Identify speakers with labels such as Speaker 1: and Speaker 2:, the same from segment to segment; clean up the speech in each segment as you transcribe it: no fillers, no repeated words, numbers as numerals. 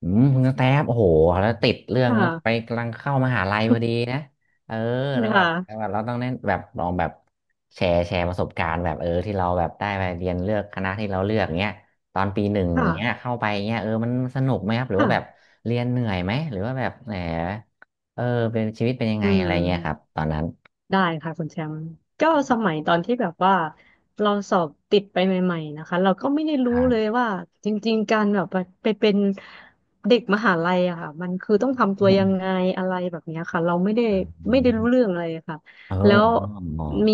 Speaker 1: อืมคุณกระแตบโอ้โหแล้วติดเรื่อง
Speaker 2: ค่ะ
Speaker 1: นั้นไปกำลังเข้ามหาลัยพอดีนะเออ
Speaker 2: ค
Speaker 1: แล้วแบบ
Speaker 2: ่ะ
Speaker 1: แบบเราต้องเน้นแบบลองแบบแชร์ประสบการณ์แบบเออที่เราแบบได้ไปเรียนเลือกคณะที่เราเลือกเงี้ยตอนปีหนึ่ง
Speaker 2: ค่ะ
Speaker 1: เงี้ยเข้าไปเงี้ยเออมันสนุกไหมครับหรือว่า
Speaker 2: ค่ะ
Speaker 1: แบบเรียนเหนื่อยไหมหรือว่าแบบแหมเออเป็นชีวิตเป็นยังไง
Speaker 2: อื
Speaker 1: อะ
Speaker 2: ม
Speaker 1: ไรเงี้ยครับตอนนั้น
Speaker 2: ได้ค่ะคุณแชมป์ก็สมัยตอนที่แบบว่าเราสอบติดไปใหม่ๆนะคะเราก็ไม่ได้
Speaker 1: ค
Speaker 2: รู้
Speaker 1: รั
Speaker 2: เลย
Speaker 1: บ
Speaker 2: ว่าจริงๆการแบบไปเป็นเด็กมหาลัยอะค่ะมันคือต้องทำ
Speaker 1: อื
Speaker 2: ตัวยังไง
Speaker 1: ม
Speaker 2: อะไรแบบเนี้ยค่ะเราไม่ได้รู้เรื่องอะไรค่ะ
Speaker 1: เออ
Speaker 2: แล้ว
Speaker 1: อ๋อ
Speaker 2: มี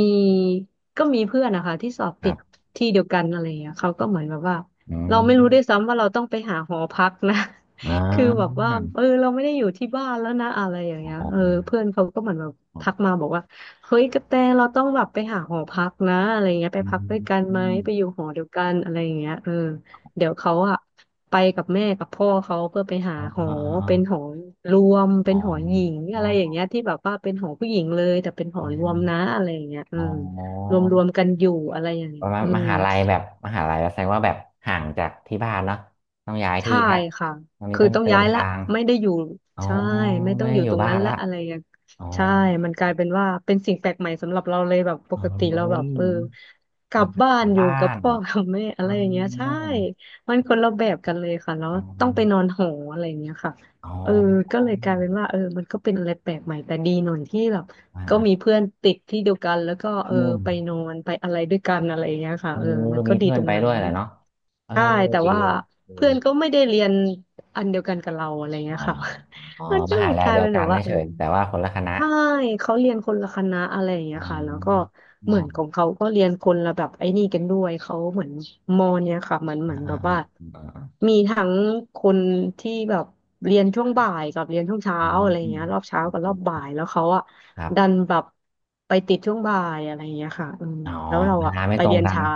Speaker 2: ก็มีเพื่อนนะคะที่สอบ
Speaker 1: ค
Speaker 2: ติ
Speaker 1: รั
Speaker 2: ด
Speaker 1: บ
Speaker 2: ที่เดียวกันอะไรอย่างเงี้ยเขาก็เหมือนแบบว่า
Speaker 1: อื
Speaker 2: เรา
Speaker 1: ม
Speaker 2: ไม่รู้ด้วยซ้ำว่าเราต้องไปหาหอพักนะ
Speaker 1: อ่
Speaker 2: คือแบบว่า
Speaker 1: า
Speaker 2: เออเราไม่ได้อยู่ที่บ้านแล้วนะอะไรอย่างเงี้ย
Speaker 1: อ๋อ
Speaker 2: เออเพื่อนเขาก็เหมือนแบบทักมาบอกว่า เฮ้ยกระแตเราต้องแบบไปหาหอพักนะอะไรเงี้ย
Speaker 1: อ
Speaker 2: ไปพักด้วยกัน
Speaker 1: ื
Speaker 2: ไหมไปอยู่
Speaker 1: ม
Speaker 2: หอเดียวกันอะไรอย่างเงี้ยเออเดี๋ยวเขาอะไปกับแม่กับพ่อเขาเพื่อไปหาหอ
Speaker 1: อ๋อ
Speaker 2: เป็นหอรวมเป็
Speaker 1: อ๋
Speaker 2: น
Speaker 1: อ
Speaker 2: หอหญิง
Speaker 1: อ๋
Speaker 2: อะไรอย่าง
Speaker 1: อ
Speaker 2: เงี้ยที่แบบว่าเป็นหอผู้หญิงเลยแต่เป็นหอ
Speaker 1: อ๋
Speaker 2: รวมนะ
Speaker 1: อ
Speaker 2: อะไรอย่างเงี้ยอื
Speaker 1: อ๋อ
Speaker 2: ม
Speaker 1: อ๋อ
Speaker 2: รวมกันอยู่อะไรอย่าง
Speaker 1: ป
Speaker 2: เงี้ย
Speaker 1: ระมาณ
Speaker 2: อื
Speaker 1: ม
Speaker 2: ม
Speaker 1: หาลัยแบบมหาลัยแสดงว่าแบบห่างจากที่บ้านเนาะต้องย้ายที่
Speaker 2: ใช่
Speaker 1: ละ
Speaker 2: ค่ะ
Speaker 1: ตรงนี้
Speaker 2: คือ
Speaker 1: ต้อง
Speaker 2: ต้อง
Speaker 1: เดิ
Speaker 2: ย้า
Speaker 1: น
Speaker 2: ยละ
Speaker 1: ทาง
Speaker 2: ไม่ได้อยู่
Speaker 1: อ๋อ
Speaker 2: ใช่ ไม่ต้
Speaker 1: ไม่
Speaker 2: องอ
Speaker 1: ได้
Speaker 2: ยู่
Speaker 1: อ
Speaker 2: ต
Speaker 1: ยู่
Speaker 2: รง
Speaker 1: บ้า
Speaker 2: นั้
Speaker 1: น
Speaker 2: นละ
Speaker 1: ละ
Speaker 2: อะไรอย่าง
Speaker 1: อ๋อ
Speaker 2: ใช่มันกลายเป็นว่าเป็นสิ่งแปลกใหม่สำหรับเราเลยแบบปกติเรา
Speaker 1: เอ้
Speaker 2: แบ
Speaker 1: ย
Speaker 2: บเออก
Speaker 1: เอ
Speaker 2: ลั
Speaker 1: อ
Speaker 2: บบ้า
Speaker 1: ก
Speaker 2: น
Speaker 1: ลับ
Speaker 2: อยู่
Speaker 1: บ้า
Speaker 2: กับ
Speaker 1: น
Speaker 2: พ่อกับแม่อะ
Speaker 1: อ๋อ
Speaker 2: ไรอย่างเงี้ยใช่มันคนละแบบกันเลยค่ะแล้ว
Speaker 1: อ๋อ
Speaker 2: ต้องไปนอนหออะไรอย่างเงี้ยค่ะ
Speaker 1: อ๋อ
Speaker 2: เออก็เลยกลายเป็นว่าเออมันก็เป็นอะไรแปลกใหม่แต่ดีหน่อยที่แบบ
Speaker 1: อ่
Speaker 2: ก็มี
Speaker 1: า
Speaker 2: เพื่อนติดที่เดียวกันแล้วก็เอ
Speaker 1: อื
Speaker 2: อ
Speaker 1: ม
Speaker 2: ไปนอนไปอะไรด้วยกันอะไรอย่างเงี้ยค่ะ
Speaker 1: เออ
Speaker 2: เออมันก็
Speaker 1: มี
Speaker 2: ดี
Speaker 1: เพื่อ
Speaker 2: ต
Speaker 1: น
Speaker 2: รง
Speaker 1: ไป
Speaker 2: นั้
Speaker 1: ด้ว
Speaker 2: น
Speaker 1: ยแหละเนาะเออ
Speaker 2: ใช่แต่
Speaker 1: ดี
Speaker 2: ว่า
Speaker 1: ดี
Speaker 2: เพื่อนก็ไม่ได้เรียนอันเดียวกันกับเราอะไร
Speaker 1: อ๋
Speaker 2: เงี้
Speaker 1: อ
Speaker 2: ยค่ะ
Speaker 1: อ๋อ
Speaker 2: มัน
Speaker 1: ม
Speaker 2: ก็เล
Speaker 1: หา
Speaker 2: ย
Speaker 1: ลั
Speaker 2: ก
Speaker 1: ย
Speaker 2: ลาย
Speaker 1: เดีย
Speaker 2: เป็
Speaker 1: ว
Speaker 2: น
Speaker 1: กั
Speaker 2: แบ
Speaker 1: น
Speaker 2: บว่าเอ
Speaker 1: เฉ
Speaker 2: อ
Speaker 1: ยๆแต่ว่าคนละคณะ
Speaker 2: ใช่เขาเรียนคนละคณะอะไรอย่างเงี้ย
Speaker 1: อ่า
Speaker 2: ค่ะแล้วก็
Speaker 1: ๋
Speaker 2: เห
Speaker 1: อ
Speaker 2: มือนของเขาก็เรียนคนละแบบไอ้นี่กันด้วยเขาเหมือนมอเนี่ยค่ะมันเหมื
Speaker 1: อ่า
Speaker 2: อน
Speaker 1: อ่า
Speaker 2: แบบ
Speaker 1: อ่
Speaker 2: ว่า
Speaker 1: าอ่า
Speaker 2: มีทั้งคนที่แบบเรียนช่ว
Speaker 1: ค
Speaker 2: ง
Speaker 1: รับ
Speaker 2: บ่ายกับเรียนช่วงเช้า
Speaker 1: อืม
Speaker 2: อะไรอย่า
Speaker 1: อื
Speaker 2: ง
Speaker 1: ม
Speaker 2: เงี้ยรอบเช้ากับรอบบ่ายแล้วเขาอะ
Speaker 1: ครั
Speaker 2: ดั
Speaker 1: บ
Speaker 2: นแบบไปติดช่วงบ่ายอะไรอย่างเงี้ยค่ะอืม
Speaker 1: อ๋อ
Speaker 2: แล้วเรา
Speaker 1: เว
Speaker 2: อะ
Speaker 1: ลาไม่
Speaker 2: ไป
Speaker 1: ตรง
Speaker 2: เรียน
Speaker 1: กัน
Speaker 2: เช้า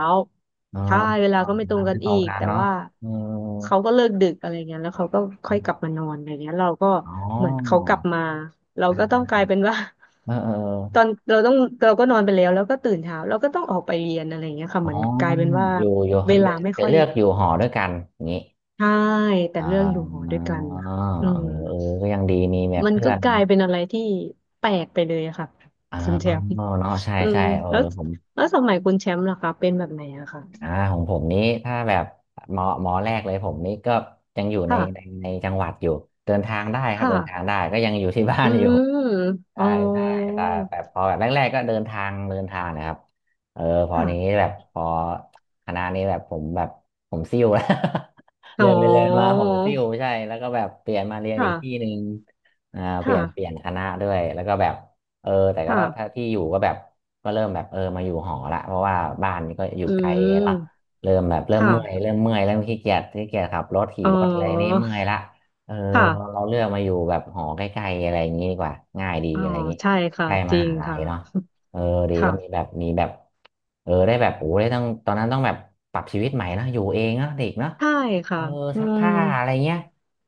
Speaker 1: เออ
Speaker 2: ใช่เวลา
Speaker 1: ก็
Speaker 2: ก็ไม่
Speaker 1: เว
Speaker 2: ตร
Speaker 1: ลา
Speaker 2: งกัน
Speaker 1: ไม่ตร
Speaker 2: อี
Speaker 1: ง
Speaker 2: ก
Speaker 1: กัน
Speaker 2: แต่
Speaker 1: เนาะ
Speaker 2: ว่า
Speaker 1: เออ
Speaker 2: เขาก็เลิกดึกอะไรเงี้ยแล้วเขาก็ค่อยกลับมานอนอะไรเงี้ยเราก็
Speaker 1: อ๋อ
Speaker 2: เหมือนเขากลับมาเรา
Speaker 1: อ่า
Speaker 2: ก็ต้องกลา
Speaker 1: อ่า
Speaker 2: ยเป็นว่า
Speaker 1: เออเออ
Speaker 2: ตอ
Speaker 1: อ
Speaker 2: นเราต้องเราก็นอนไปแล้วแล้วก็ตื่นเช้าเราก็ต้องออกไปเรียนอะไรเงี้ยค่ะ
Speaker 1: ๋
Speaker 2: เห
Speaker 1: อ
Speaker 2: มือนกลายเป็นว่า
Speaker 1: อยู่อยู่
Speaker 2: เว
Speaker 1: เดี
Speaker 2: ลาไม่
Speaker 1: ๋ย
Speaker 2: ค่
Speaker 1: ว
Speaker 2: อย
Speaker 1: เลือกอยู่หอด้วยกันอย่างนี้
Speaker 2: ใช่แต่
Speaker 1: อ่า
Speaker 2: เรื่องอยู่หอ
Speaker 1: เอ
Speaker 2: ด้วยกันค่ะ
Speaker 1: อเ
Speaker 2: อื
Speaker 1: อ
Speaker 2: ม
Speaker 1: อก็ยังดีมีแบบ
Speaker 2: มัน
Speaker 1: เพื่
Speaker 2: ก็
Speaker 1: อน
Speaker 2: กลายเป็นอะไรที่แปลกไปเลยอะค่ะ
Speaker 1: อ๋อ
Speaker 2: คุณแชมป์
Speaker 1: เนาะใช่
Speaker 2: อื
Speaker 1: ใช่
Speaker 2: ม
Speaker 1: เออ
Speaker 2: แล้ว
Speaker 1: ผม
Speaker 2: สมัยคุณแชมป์ล่ะคะเป็นแบบไหนอะค่ะ
Speaker 1: อ่าของผมนี้ถ้าแบบหมอแรกเลยผมนี้ก็ยังอยู่ใน
Speaker 2: ค่ะ
Speaker 1: ในในจังหวัดอยู่เดินทางได้ครับเดินทาง
Speaker 2: ค่ะ
Speaker 1: ได้ก็ยังอยู่ที่บ้า
Speaker 2: อื
Speaker 1: นอยู่
Speaker 2: มอ๋
Speaker 1: ใช่
Speaker 2: อ
Speaker 1: ใช่แต่แบบพอแบบแรกๆก็เดินทางนะครับเออพอนี้
Speaker 2: ค่ะ
Speaker 1: แบบพอคณะนี้แบบผมแบบผมซิ่วแล้ว
Speaker 2: อ๋
Speaker 1: เรี
Speaker 2: อ
Speaker 1: ยนไปเรียนมาผมซิ่วใช่แล้วก็แบบเปลี่ยนมาเรียนอีกที่ห
Speaker 2: ค่ะ
Speaker 1: นึ่งอ่า
Speaker 2: ค
Speaker 1: เปลี่ยน
Speaker 2: ่ะ
Speaker 1: คณะด้วยแล้วก็แบบเออแต่ก็ถ้า
Speaker 2: ค่ะ
Speaker 1: ที่อยู่ก็แบบก็เริ่มแบบเออมาอยู่หอละเพราะว่าบ้านก็อยู่
Speaker 2: อื
Speaker 1: ไกลละ
Speaker 2: ม
Speaker 1: เริ่มแบบเริ่มเมื่อย
Speaker 2: ค่ะ
Speaker 1: เริ่มเมื่อยเริ่มขี้เกียจขับรถขี่
Speaker 2: อ๋
Speaker 1: รถอะไรนี่
Speaker 2: อ
Speaker 1: เมื่อยละ เออเรา
Speaker 2: ค่ะ
Speaker 1: เราเลือกมาอยู่แบบหอใกล้ๆอะไรอย่างนี้ดีกว่าง่ายดี
Speaker 2: อ๋อ
Speaker 1: อะไรอย่างนี้
Speaker 2: ใช่
Speaker 1: ใก
Speaker 2: ค่ะ
Speaker 1: ล้
Speaker 2: จ
Speaker 1: ม
Speaker 2: ริ
Speaker 1: หา
Speaker 2: ง
Speaker 1: ลัย
Speaker 2: ค่ะ
Speaker 1: เนาะเออดีก็มี
Speaker 2: ค่ะ
Speaker 1: แบบมีแบบเออได้แบบโอ้ได้ต้องตอนนั้นต้องแบบปรับชีวิตใหม่นอะอยู่เองเนอะเด็กเนาะ
Speaker 2: ใช่
Speaker 1: เอ
Speaker 2: ค่ะ
Speaker 1: อ
Speaker 2: อื
Speaker 1: ซัก
Speaker 2: ม
Speaker 1: ผ้าอะไรเงี้ย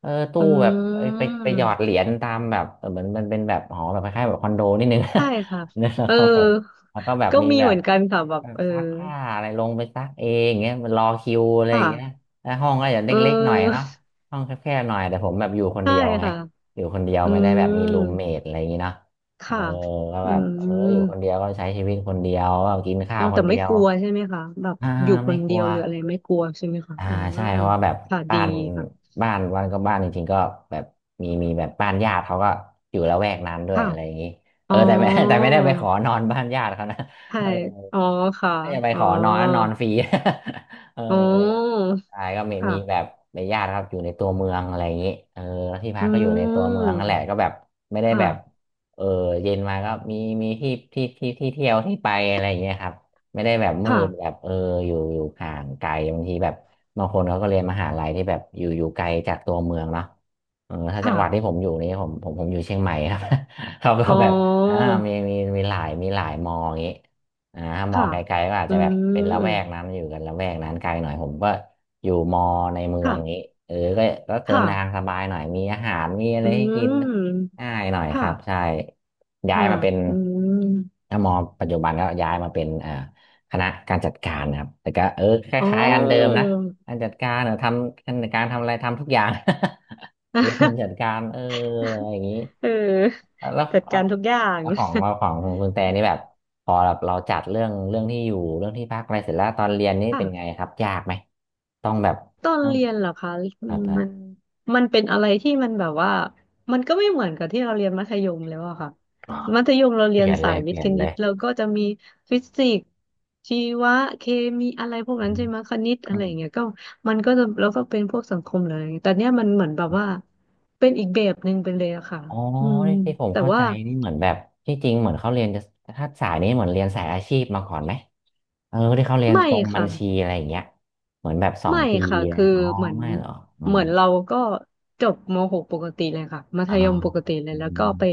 Speaker 1: เออตู้
Speaker 2: อื
Speaker 1: แบบเอ้ยไป
Speaker 2: ม
Speaker 1: ไปหยอดเหรียญตามแบบเออเหมือนมันเป็นแบบหอแบบคล้ายๆแบบคอนโดนิดนึง
Speaker 2: ใช่ค่ะ
Speaker 1: เนี่ยแล้ว
Speaker 2: เออ
Speaker 1: เขาแบบแล้วก็แบบ
Speaker 2: ก็
Speaker 1: มี
Speaker 2: มี
Speaker 1: แบ
Speaker 2: เห
Speaker 1: บ
Speaker 2: มือนกันค่ะแบบ
Speaker 1: แบบ
Speaker 2: เออ
Speaker 1: ซักผ้าอะไรลงไปซักเองเงี้ยมันรอคิวอะไรอย่างเงี้ย
Speaker 2: ค่ะ
Speaker 1: แล้วห้องก็อย่าง
Speaker 2: เอ
Speaker 1: เล็กๆหน่อย
Speaker 2: อ
Speaker 1: เนาะ ห้องแคบๆหน่อยแต่ผมแบบอยู่ค น
Speaker 2: ใช่
Speaker 1: เดียวไง
Speaker 2: ค่ะ
Speaker 1: อยู่คนเดียว
Speaker 2: อื
Speaker 1: ไม่ได้แบบ
Speaker 2: ม
Speaker 1: มีรูมเมทอะไรอย่างนี้เนาะเออ
Speaker 2: ค่ะ
Speaker 1: ก็
Speaker 2: อื
Speaker 1: แบบเอออยู่คน
Speaker 2: ม
Speaker 1: เดียวก็ใช้ชีวิตคนเดียวก็กินข้า
Speaker 2: อ๋อ
Speaker 1: วค
Speaker 2: แต่
Speaker 1: นเดี
Speaker 2: ไม่
Speaker 1: ย
Speaker 2: ก
Speaker 1: ว
Speaker 2: ลัวใช่ไหมคะแบบ
Speaker 1: อ่า
Speaker 2: อยู่ค
Speaker 1: ไม่
Speaker 2: น
Speaker 1: ก
Speaker 2: เดี
Speaker 1: ลั
Speaker 2: ย
Speaker 1: ว
Speaker 2: วหรืออะไรไม่กลัวใช่ไหมคะ
Speaker 1: อ่า
Speaker 2: อื
Speaker 1: ใช่
Speaker 2: ม
Speaker 1: เพราะว่าแบบ
Speaker 2: ค่ะ
Speaker 1: บ้า
Speaker 2: ดี
Speaker 1: น
Speaker 2: ค่ะ
Speaker 1: บ้านวันก็บ้านจริงๆก็แบบมีแบบบ้านญาติเขาก็อยู่ละแวกนั้นด้วย
Speaker 2: ค่ะ
Speaker 1: อะไรอย่างนี้เอ
Speaker 2: อ๋
Speaker 1: อ
Speaker 2: อ
Speaker 1: แต่ ไม่แต่ไม่ได้ไปขอนอนบ้านญาติเขานะ
Speaker 2: ใช่
Speaker 1: เออ
Speaker 2: อ๋อค่ะ
Speaker 1: ถ้าจะไป
Speaker 2: อ๋อ
Speaker 1: ขอนอนนอนฟรี เอ
Speaker 2: อ๋อ
Speaker 1: อ ใช่ก็มี
Speaker 2: ค่ะ
Speaker 1: มีแบบในญาติครับอยู่ในตัวเมืองอะไรอย่างนี้เออแล้วที่พั
Speaker 2: อื
Speaker 1: กก็อยู่ในตัวเมือง
Speaker 2: ม
Speaker 1: นั่นแหละก็แบบไม่ได้
Speaker 2: ค่ะ
Speaker 1: แบบเออเย็นมาก็มีมีที่เที่ยวที่ไปอะไรอย่างเงี้ยครับไม่ได้แบบมืดแบ
Speaker 2: ค่ะ
Speaker 1: บเอออยู่ห่างไกลบางทีแบบบางคนเขาก็เรียนมหาลัยที่แบบอยู่ไกลจากตัวเมืองเนาะเออถ้าจั
Speaker 2: ค่ะ
Speaker 1: งหวัดที่ผมอยู่นี่ผมอยู่เชียงใหม่ครับ เขาก็
Speaker 2: อ๋
Speaker 1: แบบอ่า
Speaker 2: อ
Speaker 1: มีหลายมออย่างงี้อ่าถ้ามอ
Speaker 2: ค่ะ
Speaker 1: งไกลๆก็อาจ
Speaker 2: อื
Speaker 1: จะแบบเป็นละแวก
Speaker 2: ม
Speaker 1: นั้นอยู่กันละแวกนั้นไกลหน่อยผมก็ อยู่มอในเมืองนี้
Speaker 2: ค่ะ
Speaker 1: เออก็เดิ
Speaker 2: ค่ะ
Speaker 1: นทางสบายหน่อยมีอาหารมีอะไร
Speaker 2: อื
Speaker 1: ให้กิน
Speaker 2: ม
Speaker 1: ง่ายหน่อยค
Speaker 2: ค่ะ
Speaker 1: รับใช่ย้าย
Speaker 2: ค่ะ
Speaker 1: มาเป็น
Speaker 2: อืม
Speaker 1: ถ้ามอปัจจุบันก็ย้ายมาเป็นอ่าคณะการจัดการนะครับแต่ก็เออค
Speaker 2: อ๋อ
Speaker 1: ล้ายๆอันเดิมนะการจัดการเนี่ยทำการจัดการทำอะไรทำทุกอย่าง เรียนจัดกา รเอออะไรอย่างนี้
Speaker 2: เออ
Speaker 1: แล้ว
Speaker 2: จัดการทุกอย่าง
Speaker 1: แล้ว ของของคุณแต่นี่แบบพอแบบเราจัดเรื่องที่อยู่เรื่องที่พักอะไรเสร็จแล้วตอนเรียนนี่
Speaker 2: ค่ะ
Speaker 1: เป็นไงครับยากไหมต้องแบบ
Speaker 2: ตอน
Speaker 1: ต้อง
Speaker 2: เรียนเหรอคะอื
Speaker 1: ครั
Speaker 2: ม
Speaker 1: บ
Speaker 2: มันเป็นอะไรที่มันแบบว่ามันก็ไม่เหมือนกับที่เราเรียนมัธยมแล้วอะค่ะมัธยมเรา
Speaker 1: เป
Speaker 2: เรีย
Speaker 1: ลี่
Speaker 2: น
Speaker 1: ยนเล
Speaker 2: สาย
Speaker 1: ย
Speaker 2: วิ
Speaker 1: เป
Speaker 2: ท
Speaker 1: ลี่
Speaker 2: ย์
Speaker 1: ย
Speaker 2: ค
Speaker 1: นเล
Speaker 2: ณิต
Speaker 1: ย
Speaker 2: เราก็จะมีฟิสิกส์ชีวะ เคมีอะไรพวก
Speaker 1: อื
Speaker 2: นั้นใช่
Speaker 1: ม
Speaker 2: ไหมคณิต
Speaker 1: อ
Speaker 2: อะไรอ
Speaker 1: ม
Speaker 2: ย่างเงี้ยก็มันก็จะแล้วก็เป็นพวกสังคมเลยแต่เนี้ยมันเหมือนแบบว่าเป็นอีกแบบหนึ่งไปเลยอะค่ะ
Speaker 1: อ๋อ
Speaker 2: อืม
Speaker 1: ที่ผม
Speaker 2: แต่
Speaker 1: เข้าใจ
Speaker 2: ว่า
Speaker 1: นี่เหมือนแบบที่จริงเหมือนเขาเรียนจะถ้าสายนี้เหมือนเรียนสายอาชีพมาก่อนไหมเออที่เขาเรียน
Speaker 2: ไม่
Speaker 1: ตรงบั
Speaker 2: ค่ะ
Speaker 1: ญชีอะไรอย่างเงี้ยเหมือนแบบสอง
Speaker 2: ไม่
Speaker 1: ปี
Speaker 2: ค่ะ
Speaker 1: นะ
Speaker 2: คือ
Speaker 1: อ๋อ
Speaker 2: เหมือน
Speaker 1: ไม่เหรออ๋อ
Speaker 2: เหมือนเราก็จบม .6 ปกติเลยค่ะมัธ
Speaker 1: อ๋อ
Speaker 2: ยมปกติเล
Speaker 1: อ
Speaker 2: ยแล้วก็ไป
Speaker 1: ม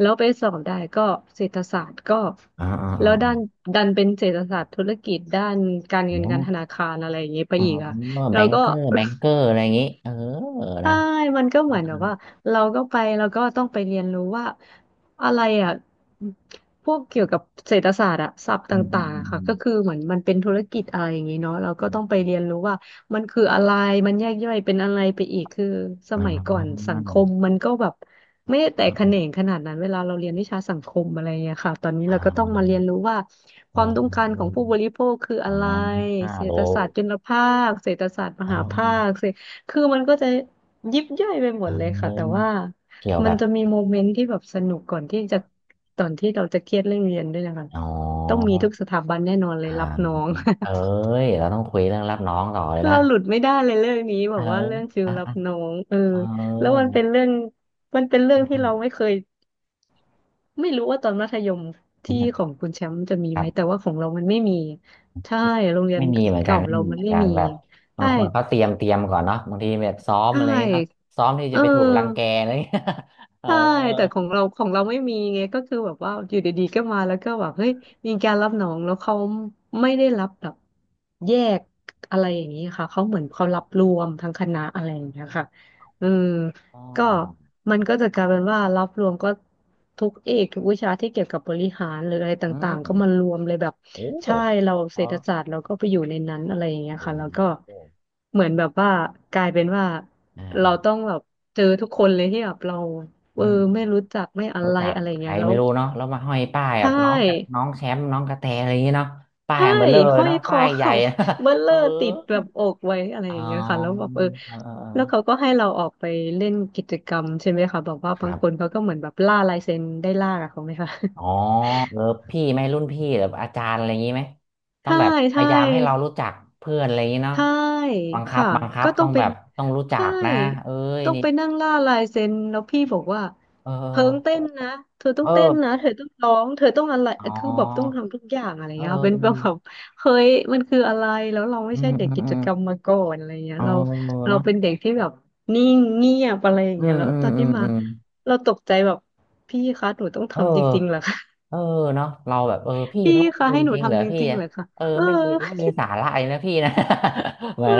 Speaker 2: แล้วไปสอบได้ก็เศรษฐศาสตร์ก็
Speaker 1: อ๋ออ๋ออ๋
Speaker 2: แล้
Speaker 1: อ
Speaker 2: วด้านดันเป็นเศรษฐศาสตร์ธุรกิจด้านการเงิ
Speaker 1: อ๋
Speaker 2: น
Speaker 1: อ
Speaker 2: การธนาคารอะไรอย่างเงี้ยไป
Speaker 1: อ๋อ
Speaker 2: อีกอ่ะ
Speaker 1: แบ
Speaker 2: แล้ว
Speaker 1: ง
Speaker 2: ก็
Speaker 1: เกอร์แบงเกอร์อะไรอย่างงี้เออ
Speaker 2: ใช่
Speaker 1: นะ
Speaker 2: มันก็เหมือนแบบว่าเราก็ไปแล้วก็ต้องไปเรียนรู้ว่าอะไรอ่ะพวกเกี่ยวกับเศรษฐศาสตร์อะศัพท์ต
Speaker 1: อืมอื
Speaker 2: ่า
Speaker 1: ม
Speaker 2: งๆ
Speaker 1: อื
Speaker 2: อะค่ะ
Speaker 1: ม
Speaker 2: ก็คือเหมือนมันเป็นธุรกิจอะไรอย่างนี้เนาะเราก็
Speaker 1: อื
Speaker 2: ต้อง
Speaker 1: ม
Speaker 2: ไปเรียนรู้ว่ามันคืออะไรมันแยกย่อยเป็นอะไรไปอีกคือส
Speaker 1: อ่า
Speaker 2: มัย
Speaker 1: อ่า
Speaker 2: ก่อนสั
Speaker 1: อ่า
Speaker 2: งคมมันก็แบบไม่ได้แตก
Speaker 1: อ่า
Speaker 2: แข
Speaker 1: อ
Speaker 2: นงขนาดนั้นเวลาเราเรียนวิชาสังคมอะไรอย่างเงี้ยค่ะตอนนี้
Speaker 1: ่
Speaker 2: เราก็ต้องมาเรียน
Speaker 1: า
Speaker 2: รู้ว่าความต้องการ
Speaker 1: ออ
Speaker 2: ของผู้บริโภคคืออะไร
Speaker 1: ห้า
Speaker 2: เศร
Speaker 1: โล
Speaker 2: ษฐศาสตร์จุลภาคเศรษฐศาสตร์ม
Speaker 1: อ่า
Speaker 2: หาภาคเศรษฐคือมันก็จะ ยิบย่อยไปหมดเลย
Speaker 1: อื
Speaker 2: ค่ะแต่
Speaker 1: ม
Speaker 2: ว่า
Speaker 1: เกี่ยว
Speaker 2: มั
Speaker 1: แบ
Speaker 2: น
Speaker 1: บ
Speaker 2: จะมีโมเมนต์ที่แบบสนุกก่อนที่จะตอนที่เราจะเครียดเรื่องเรียนด้วยนะคะ
Speaker 1: อ๋อ
Speaker 2: ต้องมีทุกสถาบันแน่นอนเลย
Speaker 1: อ่า
Speaker 2: รับน้อง
Speaker 1: เอ้ ยเราต้องคุยเรื่องรับน้องต่อเลยนะ
Speaker 2: เราหลุดไม่ได้เลยเรื่องนี้แบ
Speaker 1: เออ
Speaker 2: บว่าเรื่องฟิล
Speaker 1: อ่ะ
Speaker 2: รับ
Speaker 1: อ่ะ
Speaker 2: น้องเออ
Speaker 1: เอ
Speaker 2: แล้วมั
Speaker 1: อ
Speaker 2: นเป็นเรื่องมันเป็นเรื่องที่
Speaker 1: ค
Speaker 2: เราไม่เคยไม่รู้ว่าตอนมัธยมที่ของคุณแชมป์จะมี
Speaker 1: รั
Speaker 2: ไหม
Speaker 1: บ
Speaker 2: แต่ว่าของเรามันไม่มีใช่โรงเรียน
Speaker 1: ไม่มีเหมือนกัน
Speaker 2: เก่า
Speaker 1: ไม่
Speaker 2: เรา
Speaker 1: มี
Speaker 2: มั
Speaker 1: เห
Speaker 2: น
Speaker 1: มือน
Speaker 2: ไม่
Speaker 1: กัน
Speaker 2: มี
Speaker 1: แบบบา
Speaker 2: ใช่
Speaker 1: งคนเขาเตรียมก่อนเนาะบางทีแบบซ้อม
Speaker 2: ใช
Speaker 1: อะไรอย่างเงี้ยเนาะ
Speaker 2: ่
Speaker 1: ซ้อมที่
Speaker 2: เอ
Speaker 1: จะ
Speaker 2: อ
Speaker 1: ไปถูกรังแกอะไรอย่างเงี้ย เออ
Speaker 2: ใช่แต่ของเราของเราไม่มีไงก็คือแบบว่าอยู่ดีๆก็มาแล้วก็แบบเฮ้ยมีการรับน้องแล้วเขาไม่ได้รับแบบแยกอะไรอย่างนี้ค่ะเขาเหมือนเขารับรวมทั้งคณะอะไรอย่างเงี้ยค่ะอืม
Speaker 1: อ๋
Speaker 2: ก็
Speaker 1: อ
Speaker 2: มันก็จะกลายเป็นว่ารับรวมก็ทุกเอกทุกวิชาที่เกี่ยวกับบริหารหรืออะไร
Speaker 1: อื
Speaker 2: ต่างๆก็
Speaker 1: ม
Speaker 2: มารวมเลยแบบ
Speaker 1: โอ้
Speaker 2: ใช่เราเศร
Speaker 1: เขา
Speaker 2: ษฐศาสตร์เราก็ไปอยู่ในนั้นอะไรอย่างเงี้ย
Speaker 1: อื
Speaker 2: ค่ะแล้
Speaker 1: ม
Speaker 2: วก็
Speaker 1: โอ้
Speaker 2: เหมือนแบบว่ากลายเป็นว่า
Speaker 1: อ
Speaker 2: เรา
Speaker 1: ่า
Speaker 2: ต้องแบบเจอทุกคนเลยที่แบบเรา เอ
Speaker 1: อื
Speaker 2: อไม่
Speaker 1: ม
Speaker 2: รู้จักไม่อะ
Speaker 1: รู้
Speaker 2: ไร
Speaker 1: จัก
Speaker 2: อะไร
Speaker 1: ใคร
Speaker 2: เงี้ยแล้
Speaker 1: ไม่
Speaker 2: ว
Speaker 1: รู้เนาะแล้วมาห้อยป้าย
Speaker 2: ใช
Speaker 1: แบบน้องกับน้
Speaker 2: ่
Speaker 1: องแชมป์น้องกระแตอะไรอย่างเงี้ยเนาะป้าย
Speaker 2: ใช่
Speaker 1: อันเบลอเลย
Speaker 2: ห้อย
Speaker 1: เนาะ
Speaker 2: ค
Speaker 1: ป้า
Speaker 2: อ
Speaker 1: ยใหญ่
Speaker 2: เขา เบล เล
Speaker 1: เอ
Speaker 2: อ
Speaker 1: อ
Speaker 2: ร์ติดแบบอกไว้อะไร
Speaker 1: อ๋
Speaker 2: อ
Speaker 1: อ
Speaker 2: ย่างเงี้ยค่ะแล้วแบบเออ
Speaker 1: เออเออเอ
Speaker 2: แล้วเขา
Speaker 1: อ
Speaker 2: ก็ให้เราออกไปเล่นกิจกรรมใช่ไหมคะแบอกว่า
Speaker 1: ค
Speaker 2: บาง
Speaker 1: รั
Speaker 2: คน
Speaker 1: บ
Speaker 2: เขาก็เหมือนแบบล่าลายเซ็นได้ล่ากับเขาไหมคะ
Speaker 1: อ๋อเออพี่ไหมรุ่นพี่หรืออาจารย์อะไรอย่างนี้ไหมต้อง
Speaker 2: ใช่
Speaker 1: แบบพ
Speaker 2: ใช่
Speaker 1: ยายามให้เรารู้จักเพื่อนอะไรอย่างนี้เนาะ
Speaker 2: ใช่
Speaker 1: บังคับ
Speaker 2: ค่ะ
Speaker 1: บังคับ
Speaker 2: ก็ต้
Speaker 1: ต้
Speaker 2: อ
Speaker 1: อ
Speaker 2: ง
Speaker 1: ง
Speaker 2: เป็
Speaker 1: แบ
Speaker 2: น
Speaker 1: บต้องรู้จั
Speaker 2: ใช่
Speaker 1: กนะเอ้ย
Speaker 2: ต้อง
Speaker 1: นี่
Speaker 2: ไปนั่งล่าลายเซ็นแล้วพี่บอกว่า
Speaker 1: เอ
Speaker 2: เพิงเต้
Speaker 1: อ
Speaker 2: นนะเธอต้อ
Speaker 1: เอ
Speaker 2: งเต้นนะ
Speaker 1: อ
Speaker 2: เธอต้องร้องเธอต้องอะไร
Speaker 1: อ๋อ
Speaker 2: คือแบบต้องทำทุกอย่างอะไร
Speaker 1: เออ
Speaker 2: เงี้ยค่ะเป็น
Speaker 1: อื
Speaker 2: แบ
Speaker 1: ม
Speaker 2: บแบบเฮ้ยมันคืออะไรแล้วเราไม่
Speaker 1: อื
Speaker 2: ใช่
Speaker 1: ม
Speaker 2: เด็ก
Speaker 1: อืม
Speaker 2: กิ
Speaker 1: อื
Speaker 2: จ
Speaker 1: ม
Speaker 2: กรรมมาก่อนอะไรเงี้ย
Speaker 1: อ๋อ
Speaker 2: เรา
Speaker 1: เนาะ
Speaker 2: เป็นเด็กที่แบบนิ่งเงียบอะไรอย่าง
Speaker 1: อื
Speaker 2: เงี้ย
Speaker 1: ม
Speaker 2: แล้ว
Speaker 1: อืม
Speaker 2: ตอน
Speaker 1: อื
Speaker 2: นี้
Speaker 1: ม
Speaker 2: มา
Speaker 1: อืม
Speaker 2: เราตกใจแบบพี่คะหนูต้อง
Speaker 1: เออ
Speaker 2: ทำจริงๆเหรอคะ
Speaker 1: เออเนาะเราแบบเออพี่
Speaker 2: พี่
Speaker 1: ต้อง
Speaker 2: คะ
Speaker 1: ทำ
Speaker 2: ให้
Speaker 1: จ
Speaker 2: หนู
Speaker 1: ริงๆเหรอ
Speaker 2: ทำจ
Speaker 1: พี่
Speaker 2: ริงๆ
Speaker 1: อะ
Speaker 2: เหรอคะ
Speaker 1: เออ
Speaker 2: เออ
Speaker 1: ไม่มีไม่มีสาระอะไรนะพี่นะ เหมื
Speaker 2: เอ
Speaker 1: อ
Speaker 2: อ
Speaker 1: น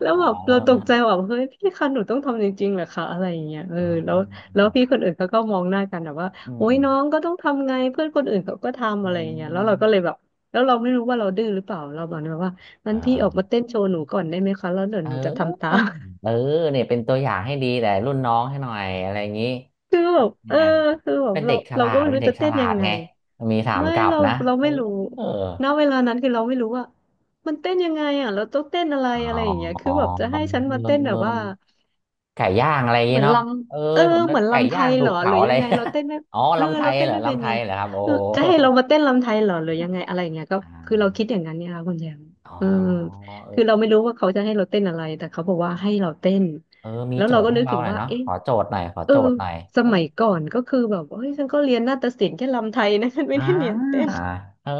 Speaker 2: แล้ว
Speaker 1: อ๋อ
Speaker 2: แบบเราตกใจว่าแบบเฮ้ยพี่คะหนูต้องทำจริงๆเหรอคะอะไรอย่างเงี้ยเออ
Speaker 1: อ๋
Speaker 2: แล้ว
Speaker 1: อ
Speaker 2: แล้วพี่คนอื่นเขาก็มองหน้ากันแบบว่า
Speaker 1: อืม
Speaker 2: โอ๊
Speaker 1: อื
Speaker 2: ย
Speaker 1: ม
Speaker 2: น้องก็ต้องทำไงเพื่อนคนอื่นเขาก็ทำ
Speaker 1: อื
Speaker 2: อะไรอย่างเงี้ยแล้วเรา
Speaker 1: ม
Speaker 2: ก็เลยแบบแล้วเราไม่รู้ว่าเราดื้อหรือเปล่าเราบอกเลยว่างั้น
Speaker 1: อ่า
Speaker 2: พี่ออก
Speaker 1: อ
Speaker 2: มาเต้นโชว์หนูก่อนได้ไหมคะแล้วเดี๋ย
Speaker 1: เ
Speaker 2: วหนูจะ
Speaker 1: ออ
Speaker 2: ทำตาม
Speaker 1: เออเนี่ยเป็นตัวอย่างให้ดีแต่รุ่นน้องให้หน่อยอะไรอย่างนี้
Speaker 2: คือแบบเออ
Speaker 1: อ่า
Speaker 2: คือแบบ
Speaker 1: เป็น
Speaker 2: เรา
Speaker 1: เด็กฉ
Speaker 2: เรา
Speaker 1: ลา
Speaker 2: ก็
Speaker 1: ด
Speaker 2: ไม่
Speaker 1: เป็
Speaker 2: รู้
Speaker 1: นเด็
Speaker 2: จะ
Speaker 1: กฉ
Speaker 2: เต้น
Speaker 1: ลา
Speaker 2: ยั
Speaker 1: ด
Speaker 2: งไง
Speaker 1: ไงมีถาม
Speaker 2: ไม่
Speaker 1: กลับ
Speaker 2: เรา
Speaker 1: นะ
Speaker 2: เรา
Speaker 1: เออ
Speaker 2: ไม่รู้
Speaker 1: เออ
Speaker 2: ณเวลานั้นคือเราไม่รู้ว่ามันเต้นยังไงอ่ะเราต้องเต้นอะไร
Speaker 1: อ๋
Speaker 2: อะไรอย่างเงี้ยคื
Speaker 1: อ
Speaker 2: อ
Speaker 1: เอ
Speaker 2: แบบจะให้ฉันมา
Speaker 1: อ
Speaker 2: เต้นแบ
Speaker 1: เอ
Speaker 2: บว่า
Speaker 1: อไก่ย่างอะไรอย่าง
Speaker 2: เห
Speaker 1: นี้
Speaker 2: มือนล
Speaker 1: เนาะเออ
Speaker 2: ำเออ
Speaker 1: ผมนึ
Speaker 2: เห
Speaker 1: ก
Speaker 2: มือน
Speaker 1: ไก่
Speaker 2: ลำไท
Speaker 1: ย่าง
Speaker 2: ย
Speaker 1: ถู
Speaker 2: เหร
Speaker 1: ก
Speaker 2: อห
Speaker 1: เผา
Speaker 2: รือ
Speaker 1: อะ
Speaker 2: ยั
Speaker 1: ไร
Speaker 2: งไงเราเต้นไม่
Speaker 1: อ๋อ
Speaker 2: เออ
Speaker 1: ลำไท
Speaker 2: เรา
Speaker 1: ย
Speaker 2: เต้
Speaker 1: เห
Speaker 2: น
Speaker 1: รอ
Speaker 2: ไม่เป็น
Speaker 1: ลำไท
Speaker 2: ไง
Speaker 1: ยเหรอครับโอ้โห
Speaker 2: จะให้เรามาเต้นลำไทยเหรอหรือยังไงอะไรอย่างเงี้ยก็
Speaker 1: อ่
Speaker 2: คือเรา
Speaker 1: า
Speaker 2: คิดอย่างนั้นเนี่ยค่ะคุณแจม
Speaker 1: อ๋อ
Speaker 2: เออ
Speaker 1: เออ
Speaker 2: คือเราไม่รู้ว่าเขาจะให้เราเต้นอะไรแต่เขาบอกว่าให้เราเต้น
Speaker 1: เออมี
Speaker 2: แล้ว
Speaker 1: โจ
Speaker 2: เรา
Speaker 1: ท
Speaker 2: ก็
Speaker 1: ย์ให้
Speaker 2: นึก
Speaker 1: เรา
Speaker 2: ถึง
Speaker 1: หน่อย
Speaker 2: ว่า
Speaker 1: เนาะ
Speaker 2: เอ๊ะ
Speaker 1: ขอโจทย์หน่อยขอ
Speaker 2: เออ
Speaker 1: โจทย์หน่อย
Speaker 2: สมัยก่อนก็คือแบบเฮ้ยฉันก็เรียนนาฏศิลป์แค่ลำไทยนะฉันไม่
Speaker 1: อ่
Speaker 2: ได้เรียนเต้
Speaker 1: า
Speaker 2: น
Speaker 1: เออ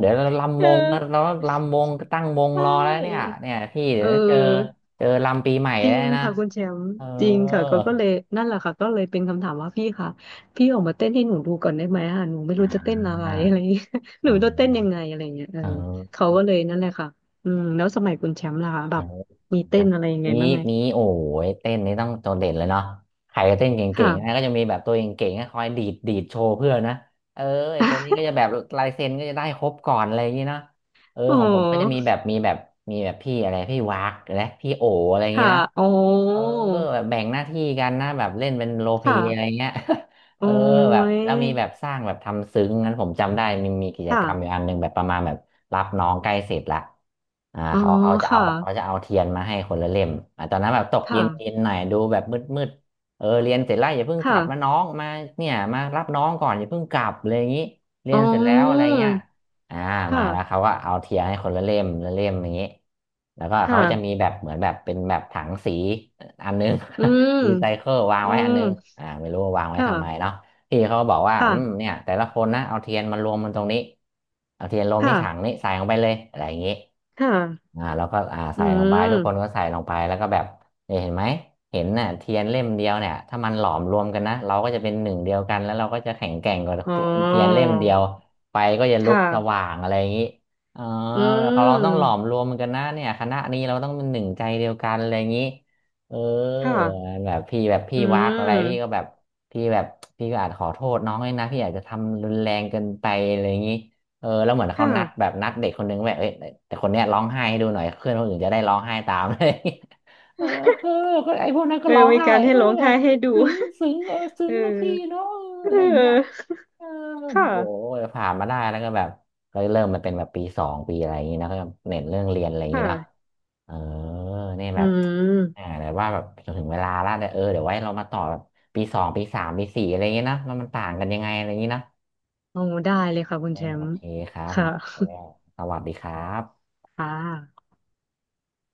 Speaker 1: เดี๋ยวเรา ลำ
Speaker 2: เอ
Speaker 1: ว
Speaker 2: อ
Speaker 1: งนะเราลำวงตั้งวง
Speaker 2: ใช
Speaker 1: รอแล้วเนี่ย
Speaker 2: ่
Speaker 1: เนี่ยพี่เดี๋
Speaker 2: เอ
Speaker 1: ยวเจอ
Speaker 2: อ
Speaker 1: เจอลำปีใหม่
Speaker 2: จริ
Speaker 1: แล้ว
Speaker 2: ง
Speaker 1: นะ
Speaker 2: ค่ะคุณแชมป์
Speaker 1: เออ
Speaker 2: จริงค่ะก็ก็เลยนั่นแหละค่ะก็เลยเป็นคำถามว่าพี่ค่ะพี่ออกมาเต้นให้หนูดูก่อนได้ไหมอ่ะหนูไม่
Speaker 1: อ่า
Speaker 2: รู้จะเต้นอะไร อะไรอย่างเงี้ยห
Speaker 1: เออ
Speaker 2: นูจะเต้นยังไงอะไรอย่างเงี้ยเออ
Speaker 1: เออ
Speaker 2: เขาก็เลยนั่นแหละค่ะอืมแล้วสมัยคุณแชมป์ล่ะคะแบ
Speaker 1: เออ
Speaker 2: บมีเต้
Speaker 1: นะ
Speaker 2: นอะไรยังไง
Speaker 1: มี
Speaker 2: บ้างไง
Speaker 1: มีโอ้ยเต้นนี่ต้องโดดเด่นเลยเนาะใครเต้นเก่งๆนะ
Speaker 2: ค่ะ
Speaker 1: ก็จะมีแบบตัวเก่งๆนะคอยดีดดีดโชว์เพื่อนนะเออไอตัวนี้ก็จะแบบลายเซ็นก็จะได้ครบก่อนอะไรอย่างนี้เนาะเออ
Speaker 2: อ๋
Speaker 1: ของผมก็จะมี
Speaker 2: อ
Speaker 1: แบบมีแบบมีแบบพี่อะไรพี่วากนะพี่โออะไรอย่างนี้
Speaker 2: ค่ะ
Speaker 1: นะ
Speaker 2: อ๋อ
Speaker 1: เออแบบแบ่งหน้าที่กันนะแบบเล่นเป็นโรลเพล
Speaker 2: ค่ะ
Speaker 1: ย์อะไรเงี้ย เอ
Speaker 2: โอ้
Speaker 1: อแบบ
Speaker 2: ย
Speaker 1: แล้วมีแบบสร้างแบบทำซึ้งนั้นผมจำได้มีกิจ
Speaker 2: ค่ะ
Speaker 1: กรรมอยู่อันหนึ่งแบบประมาณแบบรับน้องใกล้เสร็จละ
Speaker 2: อ๋อ
Speaker 1: เขาจะเอา
Speaker 2: ค่ะ
Speaker 1: เขาจะเอาเทียนมาให้คนละเล่มตอนนั้นแบบตก
Speaker 2: ค่ะ
Speaker 1: เย็นเย็นหน่อยดูแบบมืดมืดเออเรียนเสร็จแล้วอย่าเพิ่งกลับนะน้
Speaker 2: ค่ะ
Speaker 1: องมาเนี่ยมารับน้องก่อนอย่าเพิ่งกลับเลยอย่างนี้เรี
Speaker 2: อ๋
Speaker 1: ยนเสร็จแล้วอะไร
Speaker 2: อ
Speaker 1: เงี้ยอ่ามา
Speaker 2: ค่ะ
Speaker 1: แล้วเขาก็เอาเทียนให้คนละเล่มละเล่มอย่างนี้แล้วก็
Speaker 2: ค
Speaker 1: เขาจะมี
Speaker 2: ่ะ
Speaker 1: แบบเหมือนแบบเป็นแบบถังสี อันนึง
Speaker 2: อืม
Speaker 1: รีไซเคิลวาง
Speaker 2: อื
Speaker 1: ไว้อัน
Speaker 2: ม
Speaker 1: นึงไม่รู้ว่าวางไว้ทำไม
Speaker 2: ค่ะ
Speaker 1: เนาะพี่เขาบอกว่าอืม
Speaker 2: ค่ะ
Speaker 1: เนี่ยแต่ละคนนะเอาเทียนมารวมมันตรงนี้เอาเทียนรวมที่ถัง
Speaker 2: ค่ะ
Speaker 1: นี้ใส่ลงไปเลยอะไรอย่างนี้
Speaker 2: ค่ะ
Speaker 1: แล้วก็
Speaker 2: อื
Speaker 1: ใส่ลงไปทุกคนก็
Speaker 2: ม
Speaker 1: ใส่ลงไปแล้วก็แบบเนี่ยเห็นไหมเห็นน่ะเทียนเล่มเดียวเนี่ยถ้ามันหลอมรวมกันนะเราก็จะเป็นหนึ่งเดียวกันแล้วเราก็จะแข็งแกร่งกว่า
Speaker 2: อ๋อ
Speaker 1: เทียนเล่มเดียวไฟก็จะ
Speaker 2: ค
Speaker 1: ลุกส
Speaker 2: ่ะ
Speaker 1: ว่างอะไรอย่างนี้อ๋อ
Speaker 2: อื
Speaker 1: เราต้องหลอม
Speaker 2: ม
Speaker 1: รวมกันนะเนี่ยคณะนี้เราต้องเป็นหนึ่งใจเดียวกันอะไรอย่างนี้ เออ
Speaker 2: ค่ะ
Speaker 1: แบบพี่แบบพี่
Speaker 2: อื
Speaker 1: วักอะไรพี่ก็แบ
Speaker 2: ม
Speaker 1: บพี่แบบพี่ก็อาจขอโทษน้องเลยนะพี่อาจจะทำรุนแรงเกินไปอะไรอย่างนี้เออแล้วเหมือน
Speaker 2: ค
Speaker 1: เขานัดแบ
Speaker 2: ่ะ
Speaker 1: บนัดเด็กคนนึงแบบเอ้ยแต่คนเนี้ยร้องไห้ให้ดูหน่อยเพื่อนคนอื่นจะได้ร้องไห้ตาม เลย เออเออก็ไอ้พวกนั้นก็
Speaker 2: เออ
Speaker 1: ร้อง
Speaker 2: มี
Speaker 1: ไห้
Speaker 2: การให้
Speaker 1: เออ
Speaker 2: ร้องไห้ให้ดู
Speaker 1: ซึ้งซึ้งเออ ซึ้
Speaker 2: เอ
Speaker 1: ง
Speaker 2: อ
Speaker 1: นะพี่เนาะเออ
Speaker 2: เ
Speaker 1: อะไรอย่างเงี้ย
Speaker 2: ออ
Speaker 1: เออแบ
Speaker 2: ค่ะ
Speaker 1: บโอ้ยผ่านมาได้แล้วก็แบบก็เริ่มมาเป็นแบบปีสองปีอะไรอย่างงี้นะก็เน้นเรื่องเรียนอะไรอย่างงี้เนาะ
Speaker 2: ค่ะ
Speaker 1: เออเนี่ย
Speaker 2: อื
Speaker 1: แบบ
Speaker 2: ม
Speaker 1: แต่ว่าแบบจนถึงเวลาละเดี๋ยวเออเดี๋ยวไว้เรามาต่อแบบปี 2 ปี 3 ปี 4อะไรอย่างงี้นะมันต่างกันยังไงอะไรอย่างงี้นะ
Speaker 2: โอ้ ได้เลยค่ะคุณ
Speaker 1: เออ
Speaker 2: แช
Speaker 1: โอ
Speaker 2: มป์
Speaker 1: เคครับ
Speaker 2: ค่ะ
Speaker 1: สวัสดีครับ
Speaker 2: ค่ะ